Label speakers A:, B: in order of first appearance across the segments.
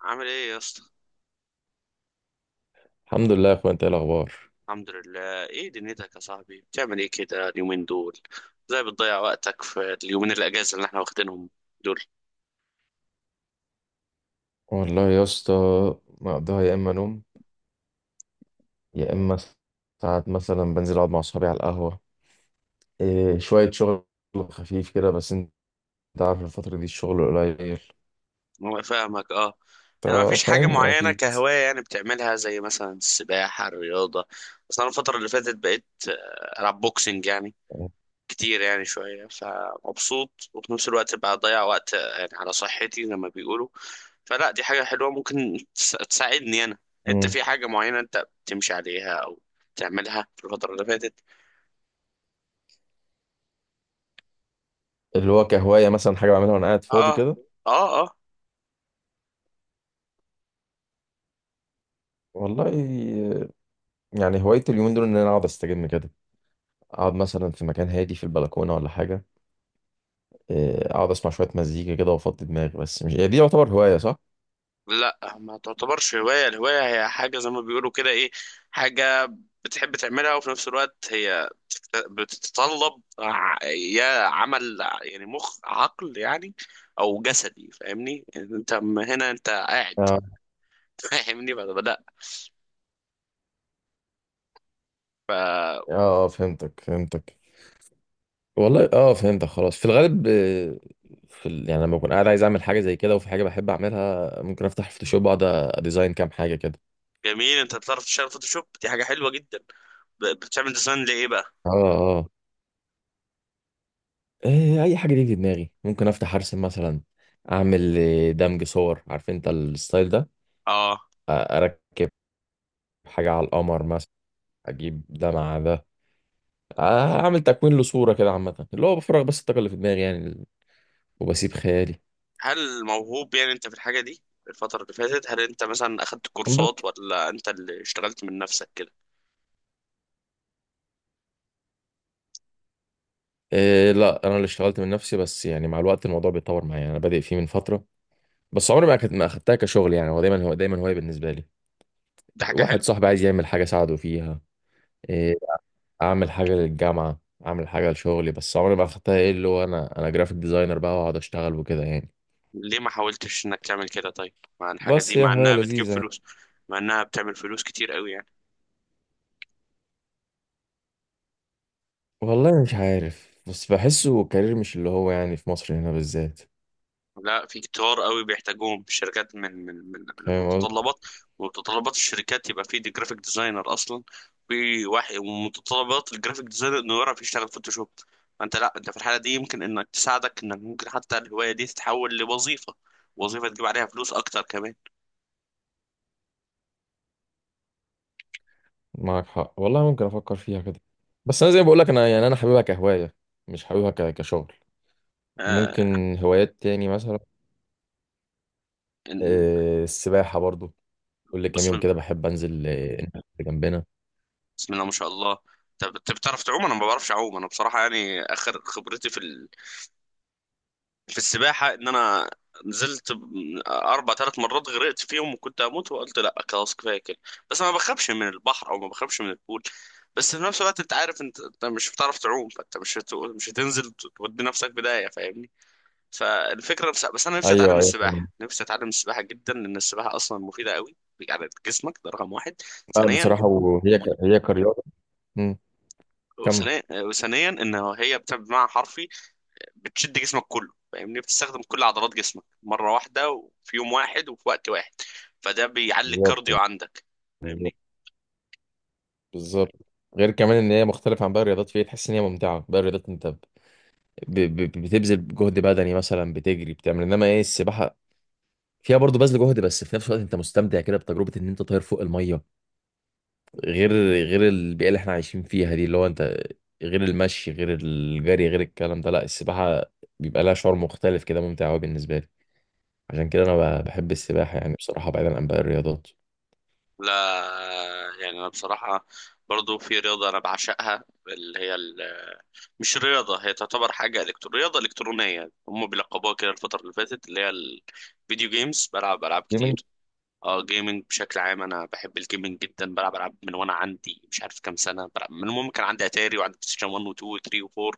A: عامل ايه يا اسطى؟
B: الحمد لله يا اخويا، انت ايه الاخبار؟
A: الحمد لله. ايه دنيتك يا صاحبي، بتعمل ايه كده اليومين دول؟ ازاي بتضيع وقتك في اليومين الاجازه اللي احنا واخدينهم دول؟
B: والله يا اسطى مقضيها يا اما نوم، يا اما ساعات مثلا بنزل اقعد مع اصحابي على القهوه. إيه، شويه شغل خفيف كده، بس انت عارف الفتره دي الشغل قليل.
A: انا فاهمك، اه. يعني ما
B: انت
A: فيش حاجه
B: فاهمني
A: معينه
B: اكيد.
A: كهوايه يعني بتعملها، زي مثلا السباحه، الرياضه؟ بس انا الفتره اللي فاتت بقيت العب بوكسنج يعني، كتير يعني شويه، فمبسوط وفي نفس الوقت بقى اضيع وقت يعني على صحتي زي ما بيقولوا، فلا دي حاجة حلوة ممكن تساعدني أنا. أنت
B: مم.
A: في حاجة معينة أنت بتمشي عليها أو تعملها في الفترة اللي فاتت؟
B: اللي هو كهوايه مثلا، حاجه بعملها وانا قاعد فاضي
A: آه
B: كده.
A: آه آه.
B: والله يعني هوايتي اليومين دول ان انا اقعد استجم كده، اقعد مثلا في مكان هادي في البلكونه ولا حاجه. إيه، اقعد اسمع شويه مزيكا كده وافضي دماغي، بس مش هي دي يعتبر هوايه صح؟
A: لا ما تعتبرش هواية. الهواية هي حاجة زي ما بيقولوا كده، إيه، حاجة بتحب تعملها وفي نفس الوقت هي بتتطلب ع- يا عمل يعني مخ، عقل يعني، أو جسدي. فاهمني أنت، هنا أنت قاعد.
B: اه
A: فاهمني فلا.
B: اه. فهمتك فهمتك، والله اه فهمتك خلاص. في الغالب في يعني لما بكون قاعد عايز اعمل حاجه زي كده، وفي حاجه بحب اعملها ممكن افتح فوتوشوب، اقعد اديزاين كام حاجه كده.
A: جميل، انت بتعرف تشتغل فوتوشوب، دي حاجة حلوة جدا. بتعمل ديزاين لإيه بقى؟
B: اه اه. إيه، اي حاجه تيجي في دماغي ممكن افتح ارسم مثلا، اعمل دمج صور، عارف انت الستايل ده.
A: اه.
B: اركب حاجه على القمر مثلا، اجيب ده مع ده، اعمل تكوين لصوره كده. عامه اللي هو بفرغ بس الطاقه اللي في دماغي يعني، وبسيب خيالي.
A: هل موهوب يعني انت في الحاجة دي؟ الفترة اللي فاتت هل انت مثلا اخدت كورسات
B: بس
A: ولا انت اللي اشتغلت من نفسك كده؟
B: إيه، لا انا اللي اشتغلت من نفسي، بس يعني مع الوقت الموضوع بيتطور معايا، انا بادئ فيه من فتره، بس عمري ما اخدتها كشغل يعني. هو دايما هو دايما هواية بالنسبة لي.
A: دي حاجة
B: واحد
A: حلوة.
B: صاحبي عايز يعمل حاجة ساعده فيها، إيه، اعمل حاجة للجامعة، اعمل حاجة لشغلي، بس عمري ما اخدتها ايه اللي هو انا جرافيك ديزاينر بقى واقعد اشتغل وكده يعني.
A: ليه ما حاولتش انك تعمل كده طيب مع الحاجة دي،
B: بس هي
A: مع
B: هواية
A: انها بتجيب
B: لذيذة يعني.
A: فلوس؟ مع انها بتعمل فلوس كتير قوي يعني.
B: والله مش عارف، بس بحسه كارير مش اللي هو يعني في مصر هنا بالذات.
A: لا، في كتار قوي بيحتاجوهم في الشركات من
B: فاهم قصدي.
A: المتطلبات. ومتطلبات الشركات يبقى في دي جرافيك ديزاينر اصلا، في واحد، ومتطلبات الجرافيك ديزاينر انه يعرف يشتغل فوتوشوب. فانت لا، انت في الحاله دي يمكن انك تساعدك، انك ممكن حتى الهوايه دي تتحول لوظيفه، وظيفه تجيب عليها فلوس اكتر كمان.
B: معاك حق والله، ممكن افكر فيها كده، بس انا زي ما بقول لك انا يعني انا حاببها كهوايه، مش حاببها كشغل.
A: آه.
B: ممكن هوايات تاني مثلا،
A: إن-
B: السباحه برضو، كل كام
A: بسم
B: يوم
A: الله.
B: كده بحب انزل النادي اللي جنبنا.
A: بسم الله ما شاء الله. طب انت بتعرف تعوم؟ انا ما بعرفش اعوم. انا بصراحه يعني اخر خبرتي في في السباحة إن أنا نزلت ب- أربع ثلاث مرات، غرقت فيهم وكنت هموت، وقلت لأ خلاص كفاية كده. بس أنا ما بخافش من البحر أو ما بخافش من البول، بس في نفس الوقت أنت عارف، أنت مش بتعرف تعوم، فأنت مش هتنزل تودي نفسك بداية، فاهمني. فالفكرة بس أنا نفسي
B: ايوه
A: أتعلم
B: ايوه طبعاً.
A: السباحة، نفسي أتعلم السباحة جدا، لأن السباحة أصلا مفيدة قوي على جسمك، ده رقم واحد.
B: لا
A: ثانيا،
B: بصراحه، هي كرياضه. مم. كمل.
A: وثانيا ان هي بتبقى بمعنى حرفي بتشد جسمك كله، فاهمني، بتستخدم كل عضلات جسمك مرة واحدة وفي يوم واحد وفي وقت واحد، فده بيعلي
B: بالظبط،
A: الكارديو عندك،
B: بالظبط،
A: فاهمني.
B: بالظبط. غير كمان ان هي مختلفه عن باقي الرياضات، فهي تحس ان هي ممتعه. باقي الرياضات انت بتبذل جهد بدني مثلا، بتجري بتعمل، انما ايه السباحه فيها برضه بذل جهد بس في نفس الوقت انت مستمتع كده بتجربه ان انت طاير فوق الميه. غير البيئه اللي احنا عايشين فيها دي، اللي هو انت غير المشي غير الجري غير الكلام ده، لا السباحه بيبقى لها شعور مختلف كده، ممتع قوي بالنسبه لي. عشان كده انا بحب السباحه يعني بصراحه بعيدا عن باقي الرياضات.
A: لا، يعني انا بصراحة برضو في رياضة انا بعشقها، اللي هي مش رياضة، هي تعتبر حاجة إلكترو، رياضة إلكترونية هم بيلقبوها كده الفترة اللي فاتت، اللي هي الفيديو جيمز، بلعب ألعاب
B: دي
A: كتير.
B: من
A: اه، جيمنج بشكل عام. انا بحب الجيمنج جدا، بلعب العاب من وانا عندي مش عارف كام سنه، بلعب من المهم. كان عندي اتاري وعندي بلاي ستيشن 1 و2 و3 و4،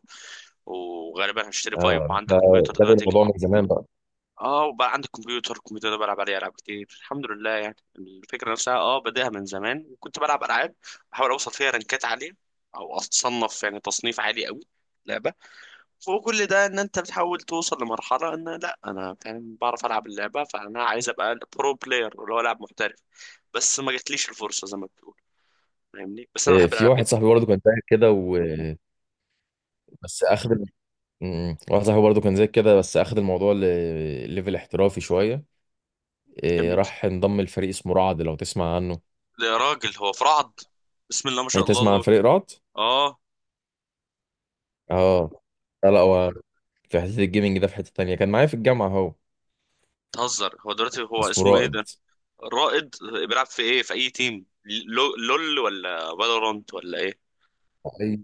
A: وغالبا هشتري 5،
B: اه،
A: وعندي
B: انت
A: كمبيوتر
B: بادئ
A: دلوقتي
B: الموضوع من زمان بقى.
A: اه. وبقى عندي كمبيوتر، الكمبيوتر ده بلعب عليه العاب كتير الحمد لله. يعني الفكره نفسها اه بداها من زمان، وكنت بلعب العاب بحاول اوصل فيها رانكات عاليه، او اتصنف يعني تصنيف عالي قوي. فوق كل ده، ان انت بتحاول توصل لمرحله ان لا انا فاهم، بعرف العب اللعبه، فانا عايز ابقى برو بلاير اللي هو لاعب محترف، بس ما جاتليش الفرصه زي ما بتقول، فاهمني. بس انا
B: إيه،
A: بحب
B: في
A: الالعاب
B: واحد
A: جدا.
B: صاحبي برضه كان زيك كده بس اخد واحد صاحبي برضه كان زيك كده، بس اخد الموضوع ليفل احترافي شويه. إيه،
A: جميل.
B: راح انضم لفريق اسمه رعد، لو تسمع عنه.
A: يا راجل هو فرعض؟ بسم الله ما
B: إيه،
A: شاء الله
B: تسمع عن
A: الله.
B: فريق رعد؟
A: اه.
B: اه. لا هو في حته الجيمنج ده، في حته تانية كان معايا في الجامعه اهو،
A: تهزر. هو دلوقتي هو
B: اسمه
A: اسمه ايه
B: رائد.
A: ده؟ رائد. بيلعب في ايه، في اي تيم؟ لول ولا فالورانت ولا ايه؟
B: أي-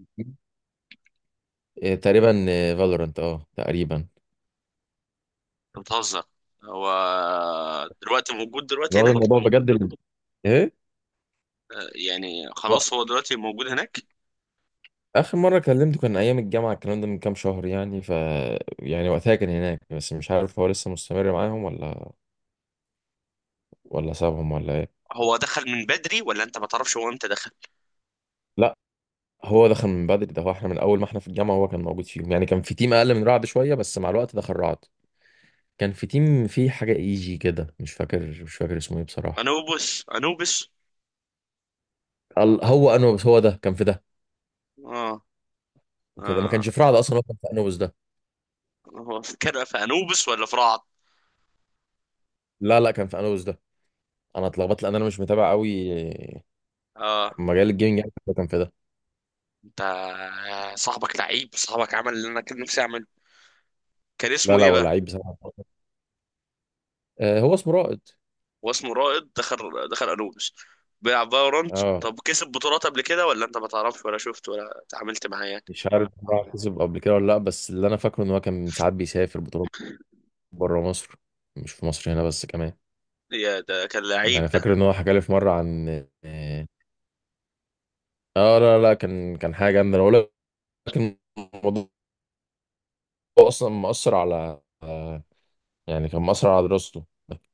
B: إيه، تقريبا فالورانت، اه تقريبا.
A: انت بتهزر. هو دلوقتي موجود دلوقتي
B: واخد
A: هناك؟
B: الموضوع بجد. ايه
A: يعني خلاص هو دلوقتي موجود هناك.
B: اخر مره كلمته كان ايام الجامعه، الكلام ده من كام شهر يعني، ف يعني وقتها كان هناك، بس مش عارف هو لسه مستمر معاهم ولا، ولا سابهم، ولا ايه.
A: هو دخل من بدري ولا انت ما تعرفش هو امتى دخل؟
B: لا هو دخل من بدري ده، هو احنا من اول ما احنا في الجامعه هو كان موجود فيهم يعني. كان في تيم اقل من رعد شويه، بس مع الوقت دخل رعد. كان في تيم فيه حاجه ايجي كده، مش فاكر اسمه ايه بصراحه.
A: انوبس، انوبس.
B: هو انوبس، هو ده كان في ده،
A: اه.
B: كان في
A: اه.
B: ده، ما كانش في رعد اصلا، هو كان في انوبس ده.
A: هو في كده في انوبس ولا في رعد؟
B: لا كان في انوبس ده. انا اتلخبطت لان انا مش متابع قوي
A: اه.
B: مجال الجيمنج يعني، بس هو كان في ده.
A: انت، صاحبك لعيب، صاحبك عمل اللي انا كان نفسي اعمله. كان
B: لا
A: اسمه
B: لا
A: ايه
B: هو
A: بقى؟
B: لعيب بصراحه. هو اسمه رائد.
A: هو اسمه رائد. دخل انوبس. بيلعب فالورانت.
B: اه
A: طب كسب بطولات قبل كده، ولا انت ما تعرفش، ولا شفت، ولا اتعاملت معاه يعني؟
B: مش عارف بقى كسب قبل كده ولا لا، بس اللي انا فاكره ان هو كان ساعات بيسافر بطولات بره مصر، مش في مصر هنا بس كمان.
A: يا ده كان لعيب
B: يعني
A: ده.
B: فاكر ان هو حكى لي في مره عن اه، لا كان، كان حاجه جامده انا بقول لك. كان الموضوع اصلا مأثر على يعني كان مأثر على دراسته،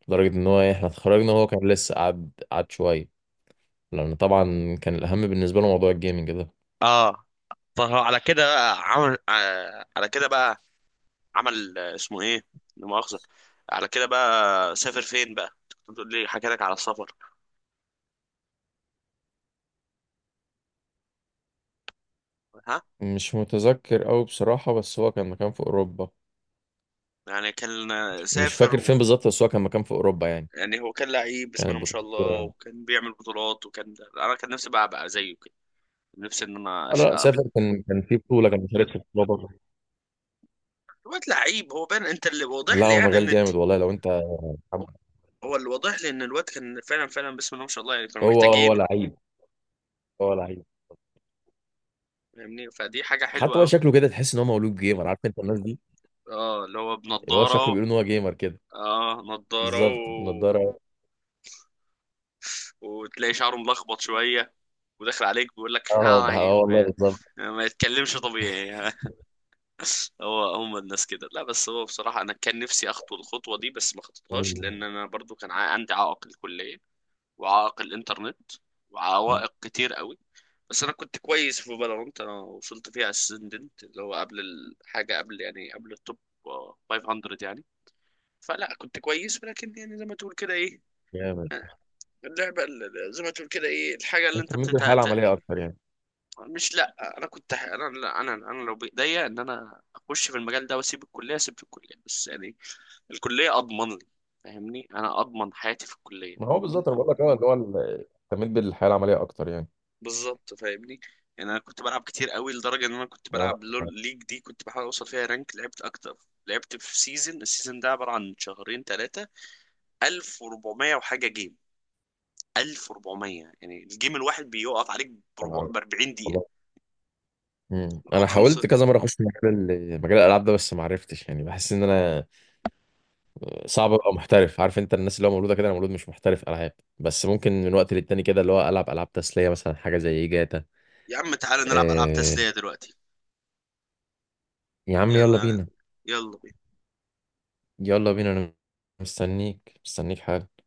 B: لدرجه ان هو إيه، احنا اتخرجنا وهو كان لسه قعد شويه، لان طبعا كان الاهم بالنسبه له موضوع الجيمنج ده.
A: اه. طب هو على كده بقى عمل، على كده بقى عمل، اسمه ايه، لا مؤاخذة، على كده بقى سافر فين بقى؟ كنت بتقول لي حكى لك على السفر. ها؟
B: مش متذكر قوي بصراحه، بس هو كان مكان في اوروبا.
A: يعني كان،
B: مش
A: سافر
B: فاكر
A: و...
B: فين بالظبط، بس هو كان مكان في اوروبا يعني.
A: يعني هو كان لعيب بسم الله
B: كانت
A: ما شاء الله،
B: بطولة،
A: وكان بيعمل بطولات، وكان انا كان نفسي بقى ابقى زيه كده، نفسي ان انا
B: انا
A: اشقى.
B: سافر، كان كان في بطولة، كان مشارك في بطولة بره.
A: الواد لعيب، هو بان، انت اللي واضح
B: لا
A: لي
B: هو
A: يعني
B: مجال
A: ان انت،
B: جامد والله لو انت،
A: هو اللي واضح لي ان الواد كان فعلا فعلا بسم الله ما شاء الله، يعني كانوا
B: هو
A: محتاجينه،
B: لعيب، هو لعيب.
A: فاهمني. فدي حاجة
B: حتى
A: حلوة
B: هو
A: قوي.
B: شكله كده تحس ان هو مولود جيمر، عارف انت الناس دي
A: اه، اللي هو
B: اللي هو شكله
A: بنضارة.
B: بيقول ان هو جيمر كده.
A: اه، نضارة و...
B: بالظبط النضارة.
A: وتلاقي شعره ملخبط شوية، وداخل عليك بيقول لك
B: اه
A: هاي
B: والله
A: ما،
B: بالظبط.
A: ما يتكلمش طبيعي. هو هم الناس كده. لا بس هو بصراحة أنا كان نفسي أخطو الخطوة دي بس ما خطيتهاش،
B: مم.
A: لأن أنا برضو كان عندي عائق الكلية، وعائق الإنترنت، وعوائق كتير قوي. بس أنا كنت كويس في فالورانت، أنا وصلت فيها أسندنت اللي هو قبل الحاجة، قبل يعني قبل التوب آه، 500 يعني. فلا كنت كويس، ولكن يعني زي ما تقول كده، إيه،
B: جامد.
A: اللعبة زي ما تقول كده، إيه، الحاجة اللي أنت،
B: اهتميت بالحياة العملية اكتر يعني.
A: مش، لا انا كنت ح- انا لا، انا انا لو بايديا ان انا اخش في المجال ده واسيب الكليه، اسيب في الكليه، بس يعني الكليه اضمن لي، فاهمني، انا اضمن حياتي في
B: ما
A: الكليه.
B: هو بالظبط انا بقول لك اه، اللي هو اهتميت بالحياة العملية اكتر يعني.
A: بالظبط، فاهمني. يعني انا كنت بلعب كتير قوي، لدرجه ان انا كنت
B: آه،
A: بلعب
B: آه،
A: لول ليج، دي كنت بحاول اوصل فيها رانك، لعبت اكتر. لعبت في سيزون، السيزون ده عباره عن شهرين ثلاثه، 1400 وحاجه جيم. 1400 يعني الجيم الواحد بيقف عليك
B: آه،
A: ب 40 دقيقه
B: والله.
A: او
B: انا
A: خمسه.
B: حاولت كذا مره اخش في مجال مجال الالعاب ده، بس ما عرفتش يعني، بحس ان انا صعب ابقى محترف. عارف انت الناس اللي هو مولوده كده، انا مولود مش محترف العاب، بس ممكن من وقت للتاني كده اللي هو العب العاب تسليه مثلا، حاجه زي جاتا.
A: يا عم تعالى نلعب العاب
B: آه...
A: تسليه دلوقتي.
B: يا عم يلا
A: يلا.
B: بينا.
A: يلا.
B: يلا بينا انا، مستنيك حاجه.